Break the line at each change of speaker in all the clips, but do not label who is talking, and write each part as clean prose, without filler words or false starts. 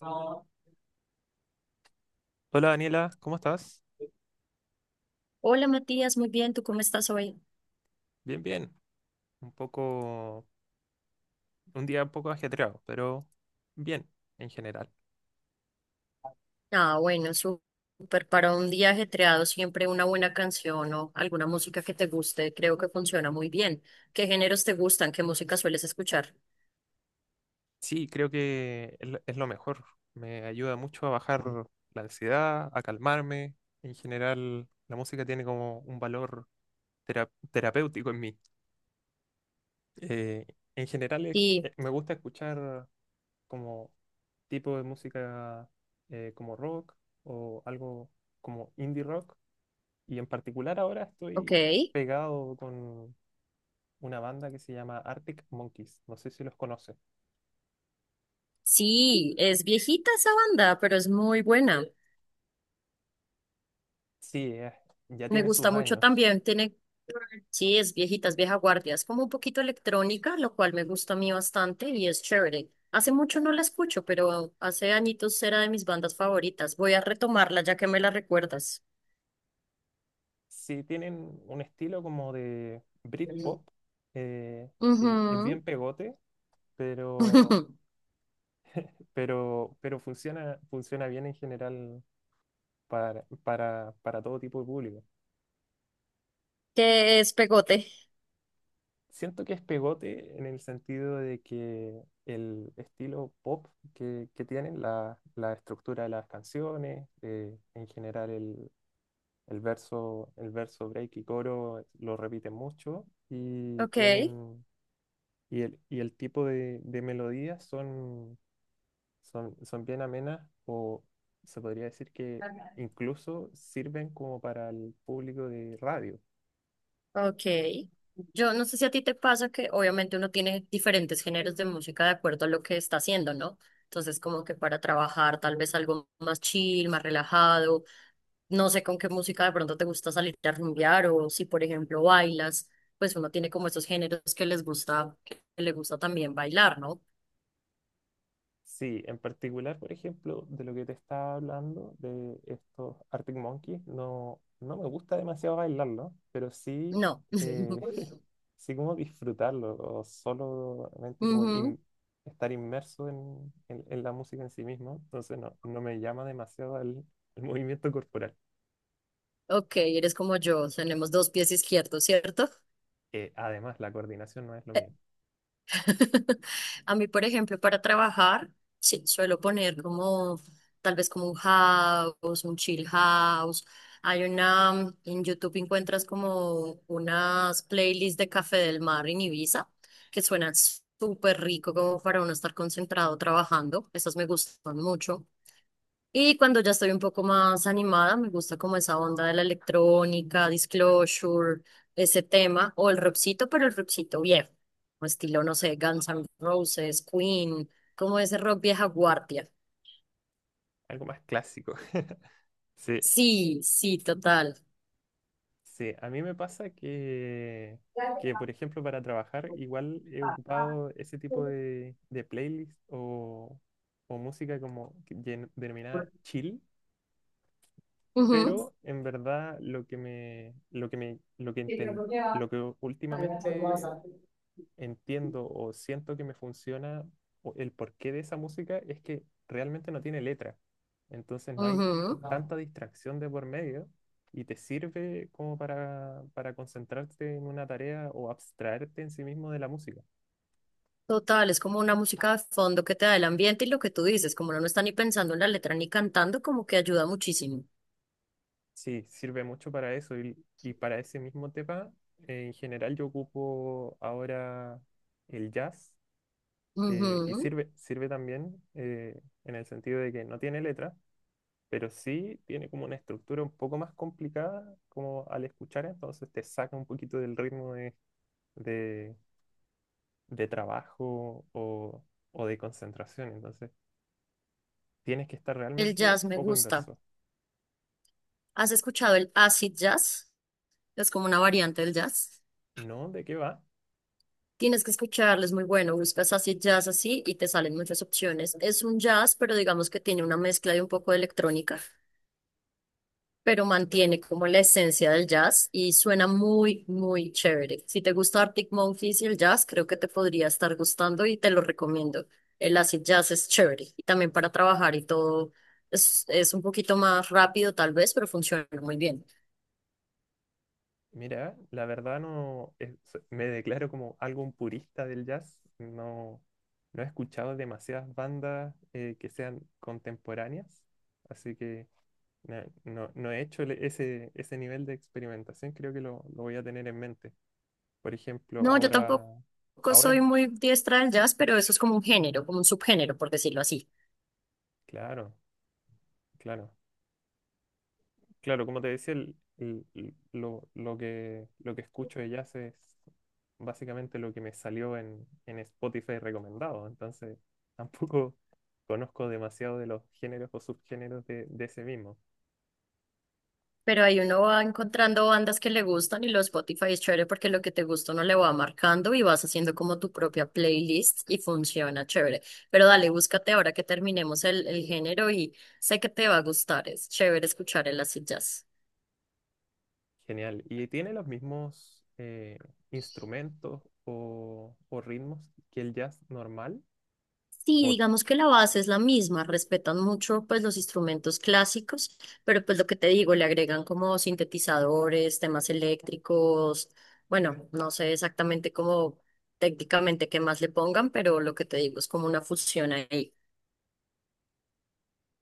Hola
Hola Daniela, ¿cómo estás?
Matías, muy bien, ¿tú cómo estás hoy?
Bien, bien. Un poco, un día un poco ajetreado, pero bien en general.
Ah, bueno, sú- Súper. Para un día ajetreado, siempre una buena canción o alguna música que te guste, creo que funciona muy bien. ¿Qué géneros te gustan? ¿Qué música sueles escuchar?
Sí, creo que es lo mejor. Me ayuda mucho a bajar la ansiedad, a calmarme. En general, la música tiene como un valor terapéutico en mí. Eh, en general,
Sí,
me gusta escuchar como tipo de música como rock o algo como indie rock. Y en particular ahora
ok.
estoy pegado con una banda que se llama Arctic Monkeys. No sé si los conoces.
Sí, es viejita esa banda, pero es muy buena.
Sí, es- ya
Me
tiene sus
gusta mucho
años.
también. Tiene... Sí, es viejitas, vieja guardia. Es como un poquito electrónica, lo cual me gusta a mí bastante y es chévere. Hace mucho no la escucho, pero hace añitos era de mis bandas favoritas. Voy a retomarla ya que me la recuerdas.
Sí, tienen un estilo como de Britpop,
Ujú.
que es bien pegote, pero, pero funciona bien en general para, para todo tipo de público.
Que es pegote.
Siento que es pegote en el sentido de que el estilo pop que tienen, la estructura de las canciones, en general el verso, break y coro lo repiten mucho y
Ok,
tienen y el tipo de melodías son, son bien amenas o se podría decir que incluso sirven como para el público de radio.
ok. Yo no sé si a ti te pasa que obviamente uno tiene diferentes géneros de música de acuerdo a lo que está haciendo, ¿no? Entonces, como que para trabajar, tal vez algo más chill, más relajado. No sé con qué música de pronto te gusta salir a rumbear o si, por ejemplo, bailas, pues uno tiene como esos géneros que les gusta, que le gusta también bailar, ¿no?
Sí, en particular, por ejemplo, de lo que te estaba hablando, de estos Arctic Monkeys, no, no me gusta demasiado bailarlo, pero sí,
No.
eh, sí como disfrutarlo, o solamente
Ujú.
estar inmerso en, en la música en sí mismo, entonces no, no me llama demasiado el movimiento corporal.
Ok, eres como yo, tenemos dos pies izquierdos, ¿cierto?
Además, la coordinación no es lo mío,
A mí, por ejemplo, para trabajar, sí, suelo poner como tal vez como un house, un chill house. Hay una, en YouTube encuentras como unas playlists de Café del Mar en Ibiza que suenan súper rico como para uno estar concentrado trabajando. Esas me gustan mucho. Y cuando ya estoy un poco más animada, me gusta como esa onda de la electrónica, Disclosure, ese tema, o el rockcito, pero el rockcito viejo, como estilo, no sé, Guns N' Roses, Queen, como ese rock vieja guardia.
algo más clásico. Sí.
Sí, sí, total.
Sí, a mí me pasa que, por ejemplo, para trabajar igual he ocupado ese tipo de playlist o música como que denominada chill,
Ujú, ujú.
pero en verdad lo que me, lo que últimamente entiendo o siento que me funciona o el porqué de esa música es que realmente no tiene letra. Entonces no hay tanta distracción de por medio y te sirve como para concentrarte en una tarea o abstraerte en sí mismo de la música.
Total, es como una música de fondo que te da el ambiente y lo que tú dices, como uno no está ni pensando en la letra ni cantando, como que ayuda muchísimo.
Sí, sirve mucho para eso y para ese mismo tema. Eh, en general yo ocupo ahora el jazz, y
Ujú.
sirve, sirve también en el sentido de que no tiene letra, pero sí tiene como una estructura un poco más complicada como al escuchar, entonces te saca un poquito del ritmo de, de, de trabajo o de concentración, entonces tienes que estar
El
realmente
jazz me
poco
gusta.
inverso.
¿Has escuchado el acid jazz? Es como una variante del jazz.
¿No? ¿De qué va?
Tienes que escucharlo, es muy bueno. Buscas acid jazz así y te salen muchas opciones. Es un jazz, pero digamos que tiene una mezcla de un poco de electrónica, pero mantiene como la esencia del jazz y suena muy, muy chévere. Si te gusta Arctic Monkeys y el jazz, creo que te podría estar gustando y te lo recomiendo. El acid jazz es chévere y también para trabajar y todo, es un poquito más rápido tal vez, pero funciona muy bien.
Mira, la verdad no, me declaro como algo un purista del jazz, no, no he escuchado demasiadas bandas que sean contemporáneas, así que... No he hecho ese, ese nivel de experimentación, creo que lo voy a tener en mente. Por ejemplo,
No, yo
ahora,
tampoco
ahora,
soy muy diestra del jazz, pero eso es como un género, como un subgénero, por decirlo así.
claro, claro, claro, como te decía, lo lo que escucho de jazz es básicamente lo que me salió en Spotify recomendado, entonces tampoco conozco demasiado de los géneros o subgéneros de ese mismo.
Pero ahí uno va encontrando bandas que le gustan y los Spotify es chévere porque lo que te gusta uno le va marcando y vas haciendo como tu propia playlist y funciona chévere. Pero dale, búscate ahora que terminemos el género y sé que te va a gustar. Es chévere escuchar el acid jazz.
Genial. ¿Y tiene los mismos instrumentos o ritmos que el jazz normal?
Sí,
O,
digamos que la base es la misma, respetan mucho pues los instrumentos clásicos, pero pues lo que te digo, le agregan como sintetizadores, temas eléctricos, bueno, no sé exactamente cómo técnicamente qué más le pongan, pero lo que te digo es como una fusión ahí.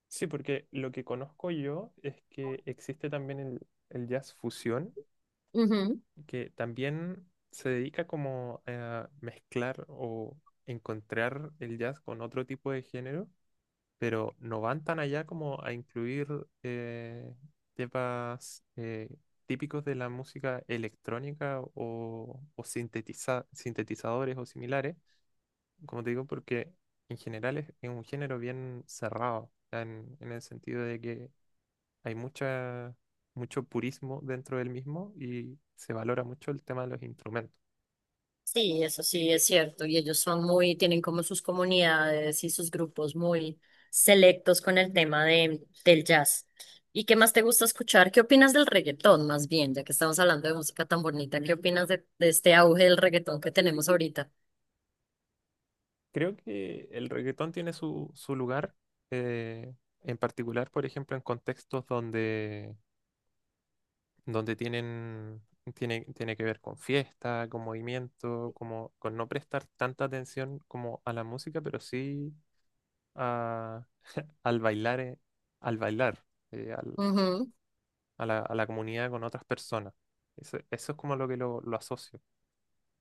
sí, porque lo que conozco yo es que existe también el jazz fusión,
Ujú.
que también se dedica como a mezclar o encontrar el jazz con otro tipo de género, pero no van tan allá como a incluir eh, temas típicos de la música electrónica o sintetizadores o similares, como te digo, porque en general es un género bien cerrado, o sea, en el sentido de que hay mucha, mucho purismo dentro del mismo y se valora mucho el tema de los instrumentos.
Sí, eso sí es cierto. Y ellos son muy, tienen como sus comunidades y sus grupos muy selectos con el tema de, del jazz. ¿Y qué más te gusta escuchar? ¿Qué opinas del reggaetón, más bien, ya que estamos hablando de música tan bonita? ¿Qué opinas de este auge del reggaetón que tenemos ahorita?
Creo que el reggaetón tiene su, su lugar, eh, en particular, por ejemplo, en contextos donde, donde tienen, tiene, tiene que ver con fiesta, con movimiento, como, con no prestar tanta atención como a la música, pero sí a- al bailar, eh, al bailar, eh, al-
Ujú.
a la comunidad con otras personas. Eso es como lo que lo asocio.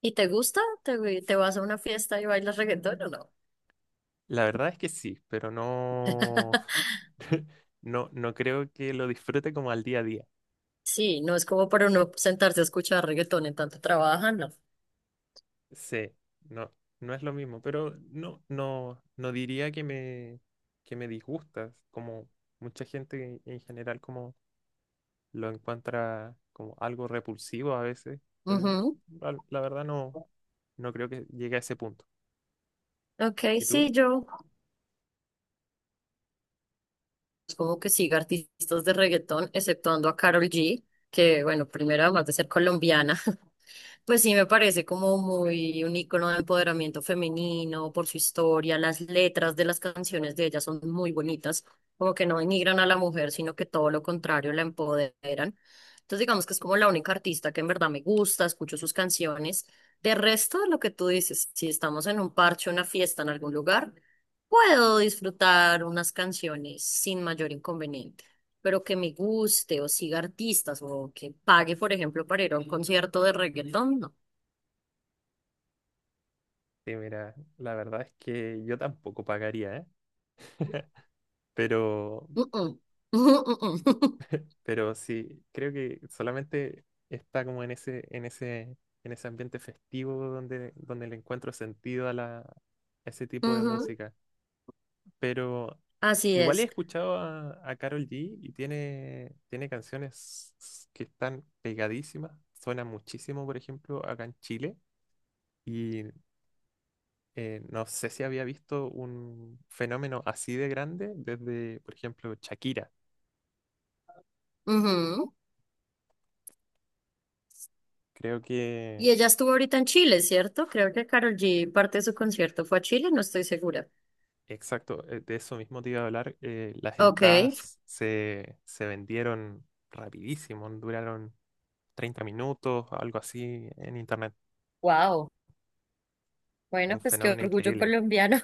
¿Y te gusta? ¿Te, te vas a una fiesta y bailas reggaetón o no?
La verdad es que sí, pero no, no, no creo que lo disfrute como al día a día.
Sí, no es como para uno sentarse a escuchar reggaetón en tanto trabajan, no.
Sí, no, no es lo mismo, pero no, no, no diría que me disgusta, como mucha gente en general como lo encuentra como algo repulsivo a veces, pero
Ujú.
la verdad no, no creo que llegue a ese punto.
Ok,
¿Y
sí,
tú?
yo como que siga artistas de reggaetón, exceptuando a Karol G, que bueno, primero además de ser colombiana, pues sí me parece como muy un icono de empoderamiento femenino por su historia, las letras de las canciones de ella son muy bonitas, como que no denigran a la mujer, sino que todo lo contrario la empoderan. Entonces digamos que es como la única artista que en verdad me gusta, escucho sus canciones. De resto, lo que tú dices, si estamos en un parche, una fiesta en algún lugar, puedo disfrutar unas canciones sin mayor inconveniente, pero que me guste o siga artistas o que pague, por ejemplo, para ir a un concierto de reggaetón, no.
Sí, mira, la verdad es que yo tampoco pagaría, ¿eh? Pero,
Mm-mm. Ujú.
Pero sí, creo que solamente está como en ese, en ese ambiente festivo donde, donde le encuentro sentido a la, a ese tipo de música. Pero
Así
igual he
es.
escuchado a Karol G y tiene, tiene canciones que están pegadísimas. Suena muchísimo, por ejemplo, acá en Chile. Y no sé si había visto un fenómeno así de grande desde, por ejemplo, Shakira.
Ujú.
Creo que
Y ella estuvo ahorita en Chile, ¿cierto? Creo que Karol G parte de su concierto fue a Chile, no estoy segura.
exacto, de eso mismo te iba a hablar. Las
Ok,
entradas se, se vendieron rapidísimo, duraron 30 minutos, algo así en internet.
wow.
Un
Bueno, pues qué
fenómeno
orgullo
increíble.
colombiano.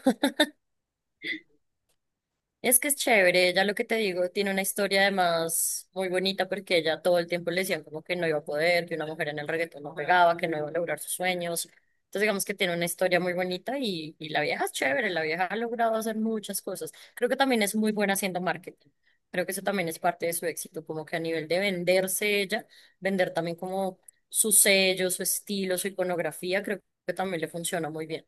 Es que es chévere, ella lo que te digo, tiene una historia además muy bonita porque ella todo el tiempo le decían como que no iba a poder, que una mujer en el reggaetón no pegaba, que no iba a lograr sus sueños. Entonces digamos que tiene una historia muy bonita y la vieja es chévere, la vieja ha logrado hacer muchas cosas. Creo que también es muy buena haciendo marketing. Creo que eso también es parte de su éxito, como que a nivel de venderse ella, vender también como su sello, su estilo, su iconografía, creo que también le funciona muy bien.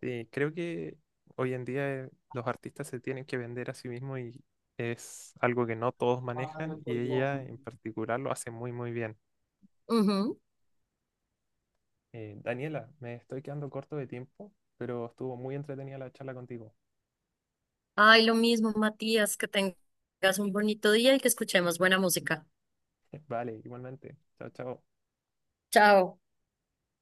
Creo que hoy en día los artistas se tienen que vender a sí mismos y es algo que no todos manejan y ella en particular lo hace muy muy bien.
Ujú.
Daniela, me estoy quedando corto de tiempo, pero estuvo muy entretenida la charla contigo.
Ay, lo mismo, Matías, que tengas un bonito día y que escuchemos buena música.
Vale, igualmente. Chao, chao.
Chao.